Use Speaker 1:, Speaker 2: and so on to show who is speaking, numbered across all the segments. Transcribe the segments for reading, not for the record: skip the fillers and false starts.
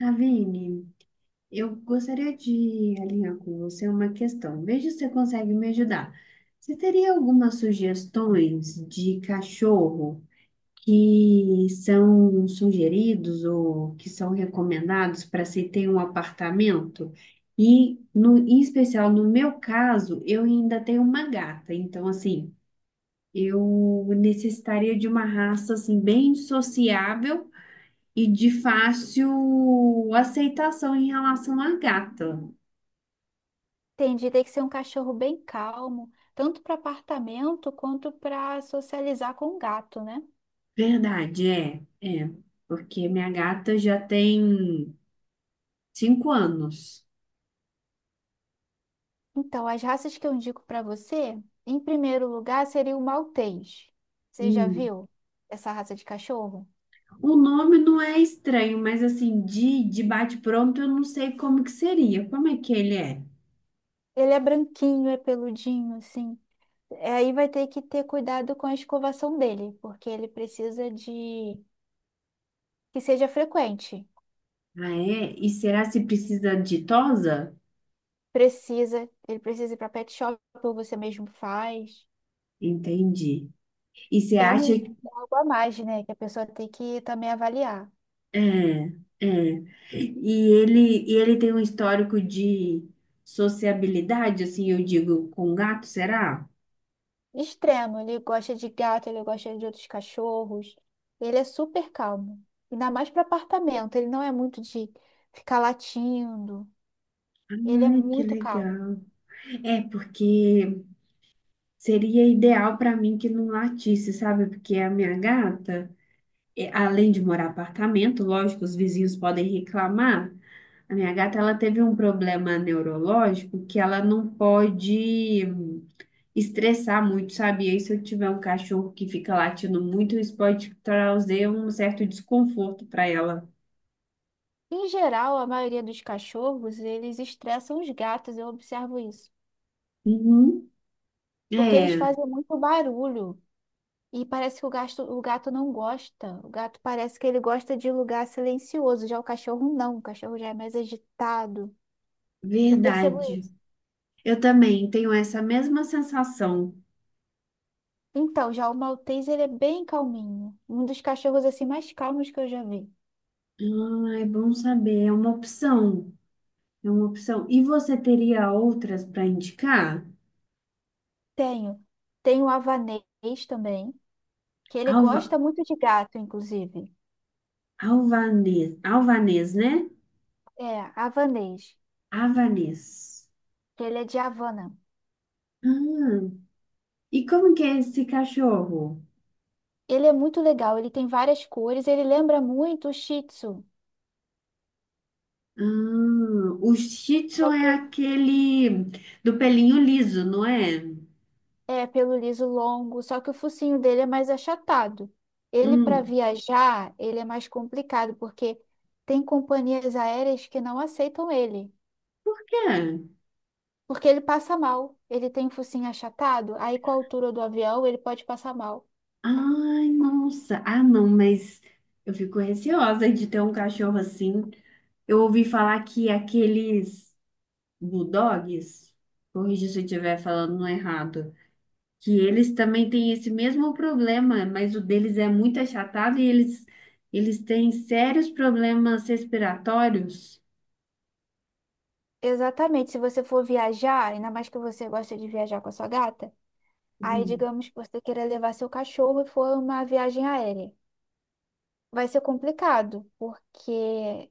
Speaker 1: Ravine, eu gostaria de alinhar com você uma questão. Veja se você consegue me ajudar. Você teria algumas sugestões de cachorro que são sugeridos ou que são recomendados para se ter um apartamento? Em especial, no meu caso, eu ainda tenho uma gata. Então, assim, eu necessitaria de uma raça assim, bem sociável e de fácil aceitação em relação à gata.
Speaker 2: Entendi, tem que ser um cachorro bem calmo, tanto para apartamento quanto para socializar com o gato, né?
Speaker 1: Verdade, é, é. Porque minha gata já tem 5 anos.
Speaker 2: Então, as raças que eu indico para você, em primeiro lugar, seria o Maltês. Você já
Speaker 1: Hum.
Speaker 2: viu essa raça de cachorro?
Speaker 1: O nome não é estranho, mas assim, de bate-pronto eu não sei como que seria. Como é que ele é?
Speaker 2: Ele é branquinho, é peludinho, assim. É, aí vai ter que ter cuidado com a escovação dele, porque ele precisa de que seja frequente.
Speaker 1: Ah, é? E será se precisa de tosa?
Speaker 2: Precisa, ele precisa ir para pet shop ou você mesmo faz.
Speaker 1: Entendi. E você
Speaker 2: É
Speaker 1: acha.
Speaker 2: um, algo a mais, né? Que a pessoa tem que também avaliar.
Speaker 1: É, é. E ele tem um histórico de sociabilidade, assim, eu digo, com gato, será?
Speaker 2: Extremo, ele gosta de gato, ele gosta de outros cachorros. Ele é super calmo. Ainda mais para apartamento, ele não é muito de ficar latindo. Ele é
Speaker 1: Ai, que
Speaker 2: muito calmo.
Speaker 1: legal. É, porque seria ideal para mim que não latisse, sabe? Porque a minha gata, é, além de morar em apartamento, lógico, os vizinhos podem reclamar. A minha gata, ela teve um problema neurológico que ela não pode estressar muito, sabe? E aí, se eu tiver um cachorro que fica latindo muito, isso pode trazer um certo desconforto para ela.
Speaker 2: Em geral, a maioria dos cachorros, eles estressam os gatos, eu observo isso.
Speaker 1: Uhum.
Speaker 2: Porque eles
Speaker 1: É,
Speaker 2: fazem muito barulho. E parece que o gato não gosta. O gato parece que ele gosta de lugar silencioso. Já o cachorro não. O cachorro já é mais agitado. Eu percebo
Speaker 1: verdade.
Speaker 2: isso.
Speaker 1: Eu também tenho essa mesma sensação.
Speaker 2: Então, já o maltês, ele é bem calminho. Um dos cachorros, assim, mais calmos que eu já vi.
Speaker 1: Ah, é bom saber, é uma opção. É uma opção. E você teria outras para indicar?
Speaker 2: Tenho. Tenho o havanês também, que ele
Speaker 1: Alva,
Speaker 2: gosta muito de gato, inclusive.
Speaker 1: alvanês, alvanês, né?
Speaker 2: É, havanês,
Speaker 1: Avanês.
Speaker 2: que ele é de Havana.
Speaker 1: Ah, e como que é esse cachorro?
Speaker 2: Ele é muito legal, ele tem várias cores, ele lembra muito o Shih Tzu.
Speaker 1: Ah, o Shih Tzu
Speaker 2: Só
Speaker 1: é
Speaker 2: que o-
Speaker 1: aquele do pelinho liso, não é?
Speaker 2: É, pelo liso longo, só que o focinho dele é mais achatado. Ele, para
Speaker 1: Hum,
Speaker 2: viajar, ele é mais complicado, porque tem companhias aéreas que não aceitam ele.
Speaker 1: por quê?
Speaker 2: Porque ele passa mal. Ele tem focinho achatado, aí com a altura do avião ele pode passar mal.
Speaker 1: Ai, nossa. Ah, não, mas eu fico receosa de ter um cachorro assim. Eu ouvi falar que aqueles bulldogs, corrija se eu estiver falando errado, que eles também têm esse mesmo problema, mas o deles é muito achatado e eles têm sérios problemas respiratórios.
Speaker 2: Exatamente. Se você for viajar, ainda mais que você gosta de viajar com a sua gata, aí digamos que você queira levar seu cachorro e for uma viagem aérea. Vai ser complicado, porque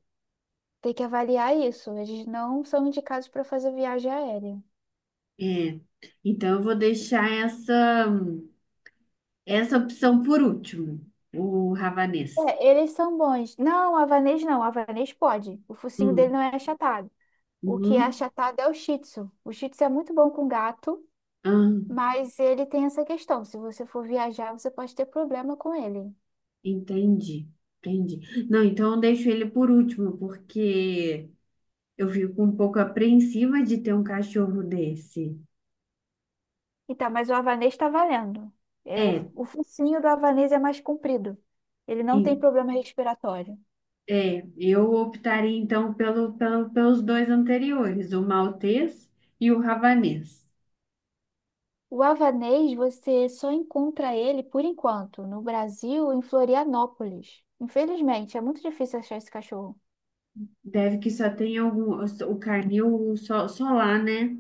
Speaker 2: tem que avaliar isso. Eles não são indicados para fazer viagem aérea.
Speaker 1: É, então eu vou deixar essa opção por último, o ravanês.
Speaker 2: É, eles são bons. Não, o havanês não. O havanês pode. O focinho dele
Speaker 1: Hum,
Speaker 2: não é achatado. O que é
Speaker 1: uhum,
Speaker 2: achatado é o shih tzu. O shih tzu é muito bom com gato.
Speaker 1: ah,
Speaker 2: Mas ele tem essa questão. Se você for viajar, você pode ter problema com ele.
Speaker 1: entendi, entendi. Não, então eu deixo ele por último, porque eu fico um pouco apreensiva de ter um cachorro desse.
Speaker 2: Então, mas o havanês está valendo. É, o,
Speaker 1: É,
Speaker 2: o focinho do havanês é mais comprido. Ele não tem
Speaker 1: e-
Speaker 2: problema respiratório.
Speaker 1: é, eu optaria então pelos dois anteriores, o maltês e o ravanês.
Speaker 2: O havanês, você só encontra ele, por enquanto, no Brasil, em Florianópolis. Infelizmente, é muito difícil achar esse cachorro.
Speaker 1: Deve que só tem algum, o carnil só lá, né?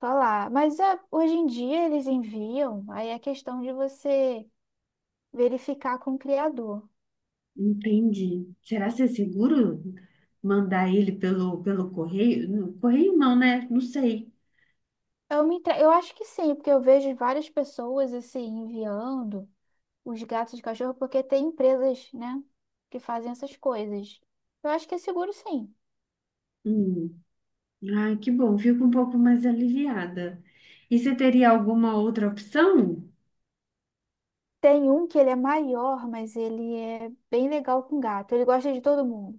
Speaker 2: Só lá. Mas é, hoje em dia eles enviam, aí é questão de você verificar com o criador.
Speaker 1: Entendi. Será que é seguro mandar ele pelo correio? Correio não, né? Não sei.
Speaker 2: Eu acho que sim, porque eu vejo várias pessoas assim enviando os gatos de cachorro, porque tem empresas, né, que fazem essas coisas. Eu acho que é seguro sim.
Speaker 1: Hum. Ai, que bom, fico um pouco mais aliviada. E você teria alguma outra opção?
Speaker 2: Tem um que ele é maior, mas ele é bem legal com gato. Ele gosta de todo mundo.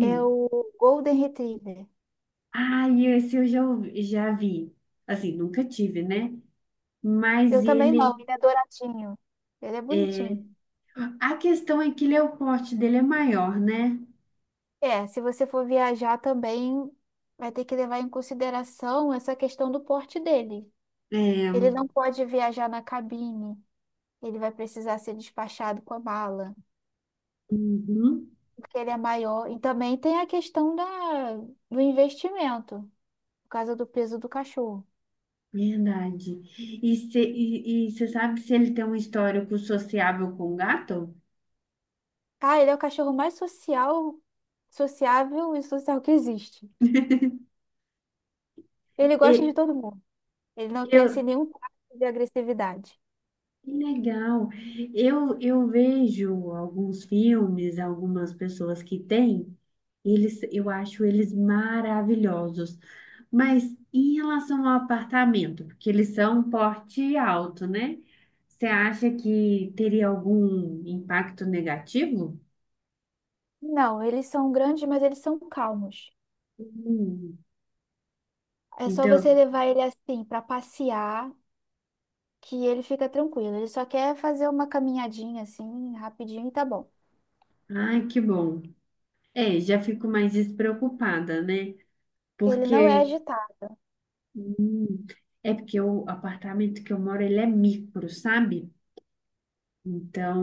Speaker 2: É o Golden Retriever.
Speaker 1: Ai, esse eu ouvi- já vi. Assim, nunca tive, né?
Speaker 2: Eu
Speaker 1: Mas
Speaker 2: também não,
Speaker 1: ele
Speaker 2: ele é douradinho. Ele é
Speaker 1: é.
Speaker 2: bonitinho.
Speaker 1: A questão é que ele é o porte dele é maior, né?
Speaker 2: É, se você for viajar também, vai ter que levar em consideração essa questão do porte dele.
Speaker 1: É.
Speaker 2: Ele não pode viajar na cabine. Ele vai precisar ser despachado com a mala,
Speaker 1: Uhum.
Speaker 2: porque ele é maior. E também tem a questão da, do investimento, por causa do peso do cachorro.
Speaker 1: Verdade. E você sabe se ele tem um histórico sociável com gato?
Speaker 2: Ah, ele é o cachorro mais social, sociável e social que existe. Ele gosta de
Speaker 1: E,
Speaker 2: todo mundo. Ele não tem
Speaker 1: eu,
Speaker 2: assim nenhum traço de agressividade.
Speaker 1: que legal. Eu vejo alguns filmes, algumas pessoas que têm, eles, eu acho eles maravilhosos. Mas em relação ao apartamento, porque eles são porte alto, né? Você acha que teria algum impacto negativo?
Speaker 2: Não, eles são grandes, mas eles são calmos.
Speaker 1: Hum,
Speaker 2: É só você
Speaker 1: então,
Speaker 2: levar ele assim para passear que ele fica tranquilo. Ele só quer fazer uma caminhadinha assim, rapidinho e tá bom.
Speaker 1: ai, que bom. É, já fico mais despreocupada, né?
Speaker 2: Ele não é
Speaker 1: Porque
Speaker 2: agitado.
Speaker 1: é porque o apartamento que eu moro, ele é micro, sabe? Então,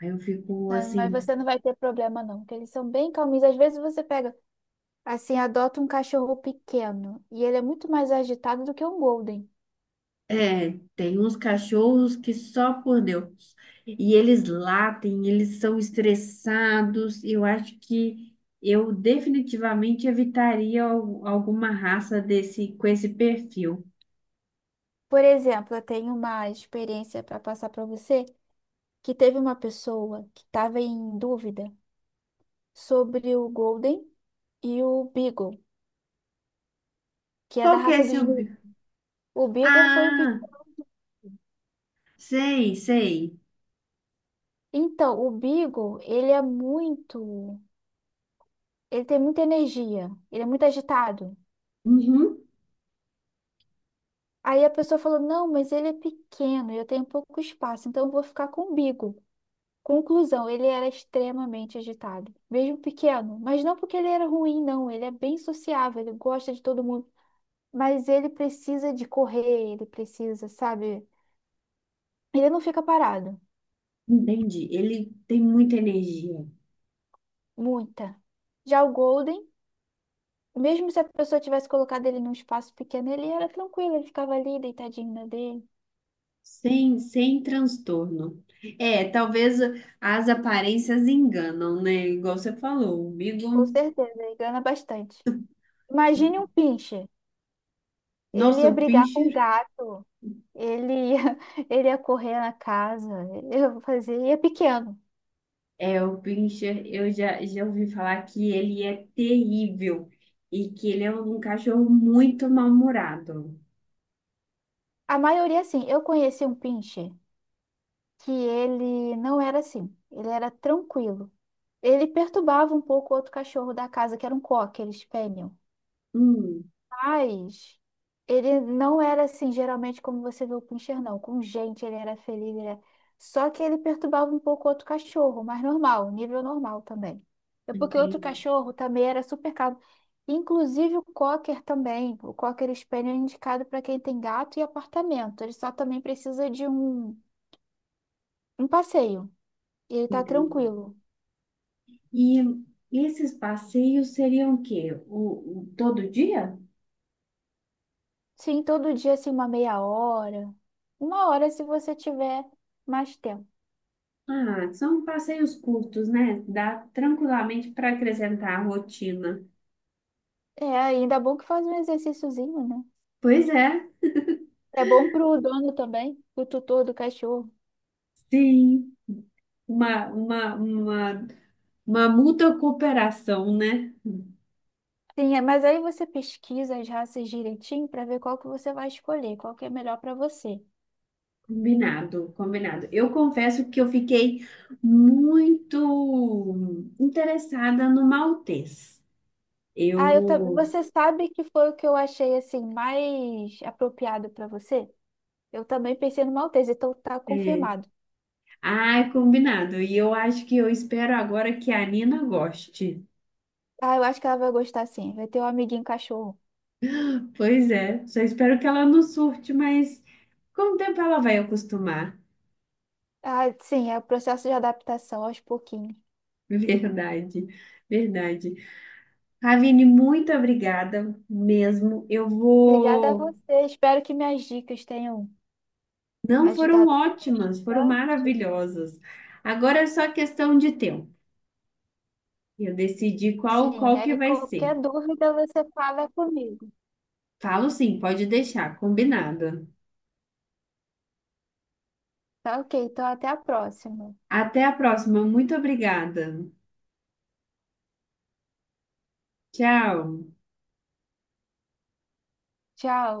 Speaker 1: aí eu fico
Speaker 2: Não, mas
Speaker 1: assim,
Speaker 2: você não vai ter problema, não, porque eles são bem calminhos. Às vezes você pega, assim, adota um cachorro pequeno e ele é muito mais agitado do que um Golden.
Speaker 1: é, tem uns cachorros que só por Deus. E eles latem, eles são estressados. Eu acho que eu definitivamente evitaria alguma raça desse com esse perfil.
Speaker 2: Por exemplo, eu tenho uma experiência para passar para você que teve uma pessoa que estava em dúvida sobre o Golden e o Beagle, que é da
Speaker 1: Qual que é
Speaker 2: raça dos
Speaker 1: seu?
Speaker 2: Gnus. O Beagle foi o que.
Speaker 1: Ah, sei, sei.
Speaker 2: Então, o Beagle, ele é muito. Ele tem muita energia, ele é muito agitado.
Speaker 1: Uhum.
Speaker 2: Aí a pessoa falou: não, mas ele é pequeno, eu tenho pouco espaço, então eu vou ficar com o Bigo. Conclusão, ele era extremamente agitado, mesmo pequeno, mas não porque ele era ruim, não, ele é bem sociável, ele gosta de todo mundo, mas ele precisa de correr, ele precisa, sabe? Ele não fica parado,
Speaker 1: Entendi. Ele tem muita energia,
Speaker 2: muita. Já o Golden, mesmo se a pessoa tivesse colocado ele num espaço pequeno, ele era tranquilo, ele ficava ali deitadinho na dele.
Speaker 1: sem transtorno. É, talvez as aparências enganam, né? Igual você falou, o
Speaker 2: Com
Speaker 1: Beagle.
Speaker 2: certeza, ele engana bastante. Imagine um pinche. Ele
Speaker 1: Nossa,
Speaker 2: ia
Speaker 1: o
Speaker 2: brigar com o
Speaker 1: Pinscher,
Speaker 2: gato, ele ia, ele ia correr na casa, eu fazia, e é pequeno.
Speaker 1: é, o Pinscher, eu já ouvi falar que ele é terrível e que ele é um cachorro muito mal-humorado.
Speaker 2: A maioria, assim, eu conheci um pincher que ele não era assim, ele era tranquilo. Ele perturbava um pouco o outro cachorro da casa, que era um cocker, eles spaniel.
Speaker 1: Hum,
Speaker 2: Mas ele não era assim, geralmente, como você vê o Pinscher, não. Com gente, ele era feliz, ele era... Só que ele perturbava um pouco o outro cachorro, mas normal, nível normal também. É porque o outro
Speaker 1: Entendi,
Speaker 2: cachorro também era super calmo. Inclusive o Cocker também. O Cocker Spaniel é indicado para quem tem gato e apartamento. Ele só também precisa de um, um passeio. E ele tá
Speaker 1: entendi.
Speaker 2: tranquilo.
Speaker 1: E esses passeios seriam o quê? Todo dia?
Speaker 2: Sim, todo dia, assim, uma meia hora. Uma hora se você tiver mais tempo.
Speaker 1: Ah, são passeios curtos, né? Dá tranquilamente para acrescentar a rotina.
Speaker 2: É, ainda bom que faz um exercíciozinho, né?
Speaker 1: Pois é,
Speaker 2: É bom pro dono também, pro tutor do cachorro.
Speaker 1: sim. Uma, uma, uma, uma mútua cooperação, né?
Speaker 2: Sim, é, mas aí você pesquisa as raças direitinho para ver qual que você vai escolher, qual que é melhor para você.
Speaker 1: Combinado, combinado. Eu confesso que eu fiquei muito interessada no Maltês.
Speaker 2: Ah, eu também.
Speaker 1: Eu.
Speaker 2: Você sabe que foi o que eu achei assim mais apropriado para você? Eu também pensei no Maltese, então tá
Speaker 1: É.
Speaker 2: confirmado.
Speaker 1: Ai, combinado. E eu acho que eu espero agora que a Nina goste.
Speaker 2: Ah, eu acho que ela vai gostar sim. Vai ter um amiguinho cachorro.
Speaker 1: Pois é, só espero que ela não surte, mas com o tempo ela vai acostumar.
Speaker 2: Ah, sim, é o processo de adaptação aos pouquinhos.
Speaker 1: Verdade, verdade. Ravine, muito obrigada mesmo. Eu
Speaker 2: Obrigada a
Speaker 1: vou.
Speaker 2: você. Espero que minhas dicas tenham
Speaker 1: Não foram
Speaker 2: ajudado
Speaker 1: ótimas, foram
Speaker 2: bastante.
Speaker 1: maravilhosas. Agora é só questão de tempo. Eu decidi qual
Speaker 2: Sim,
Speaker 1: qual que
Speaker 2: aí
Speaker 1: vai ser.
Speaker 2: qualquer dúvida você fala comigo.
Speaker 1: Falo sim, pode deixar, combinado.
Speaker 2: Tá ok, então até a próxima.
Speaker 1: Até a próxima. Muito obrigada. Tchau.
Speaker 2: Tchau.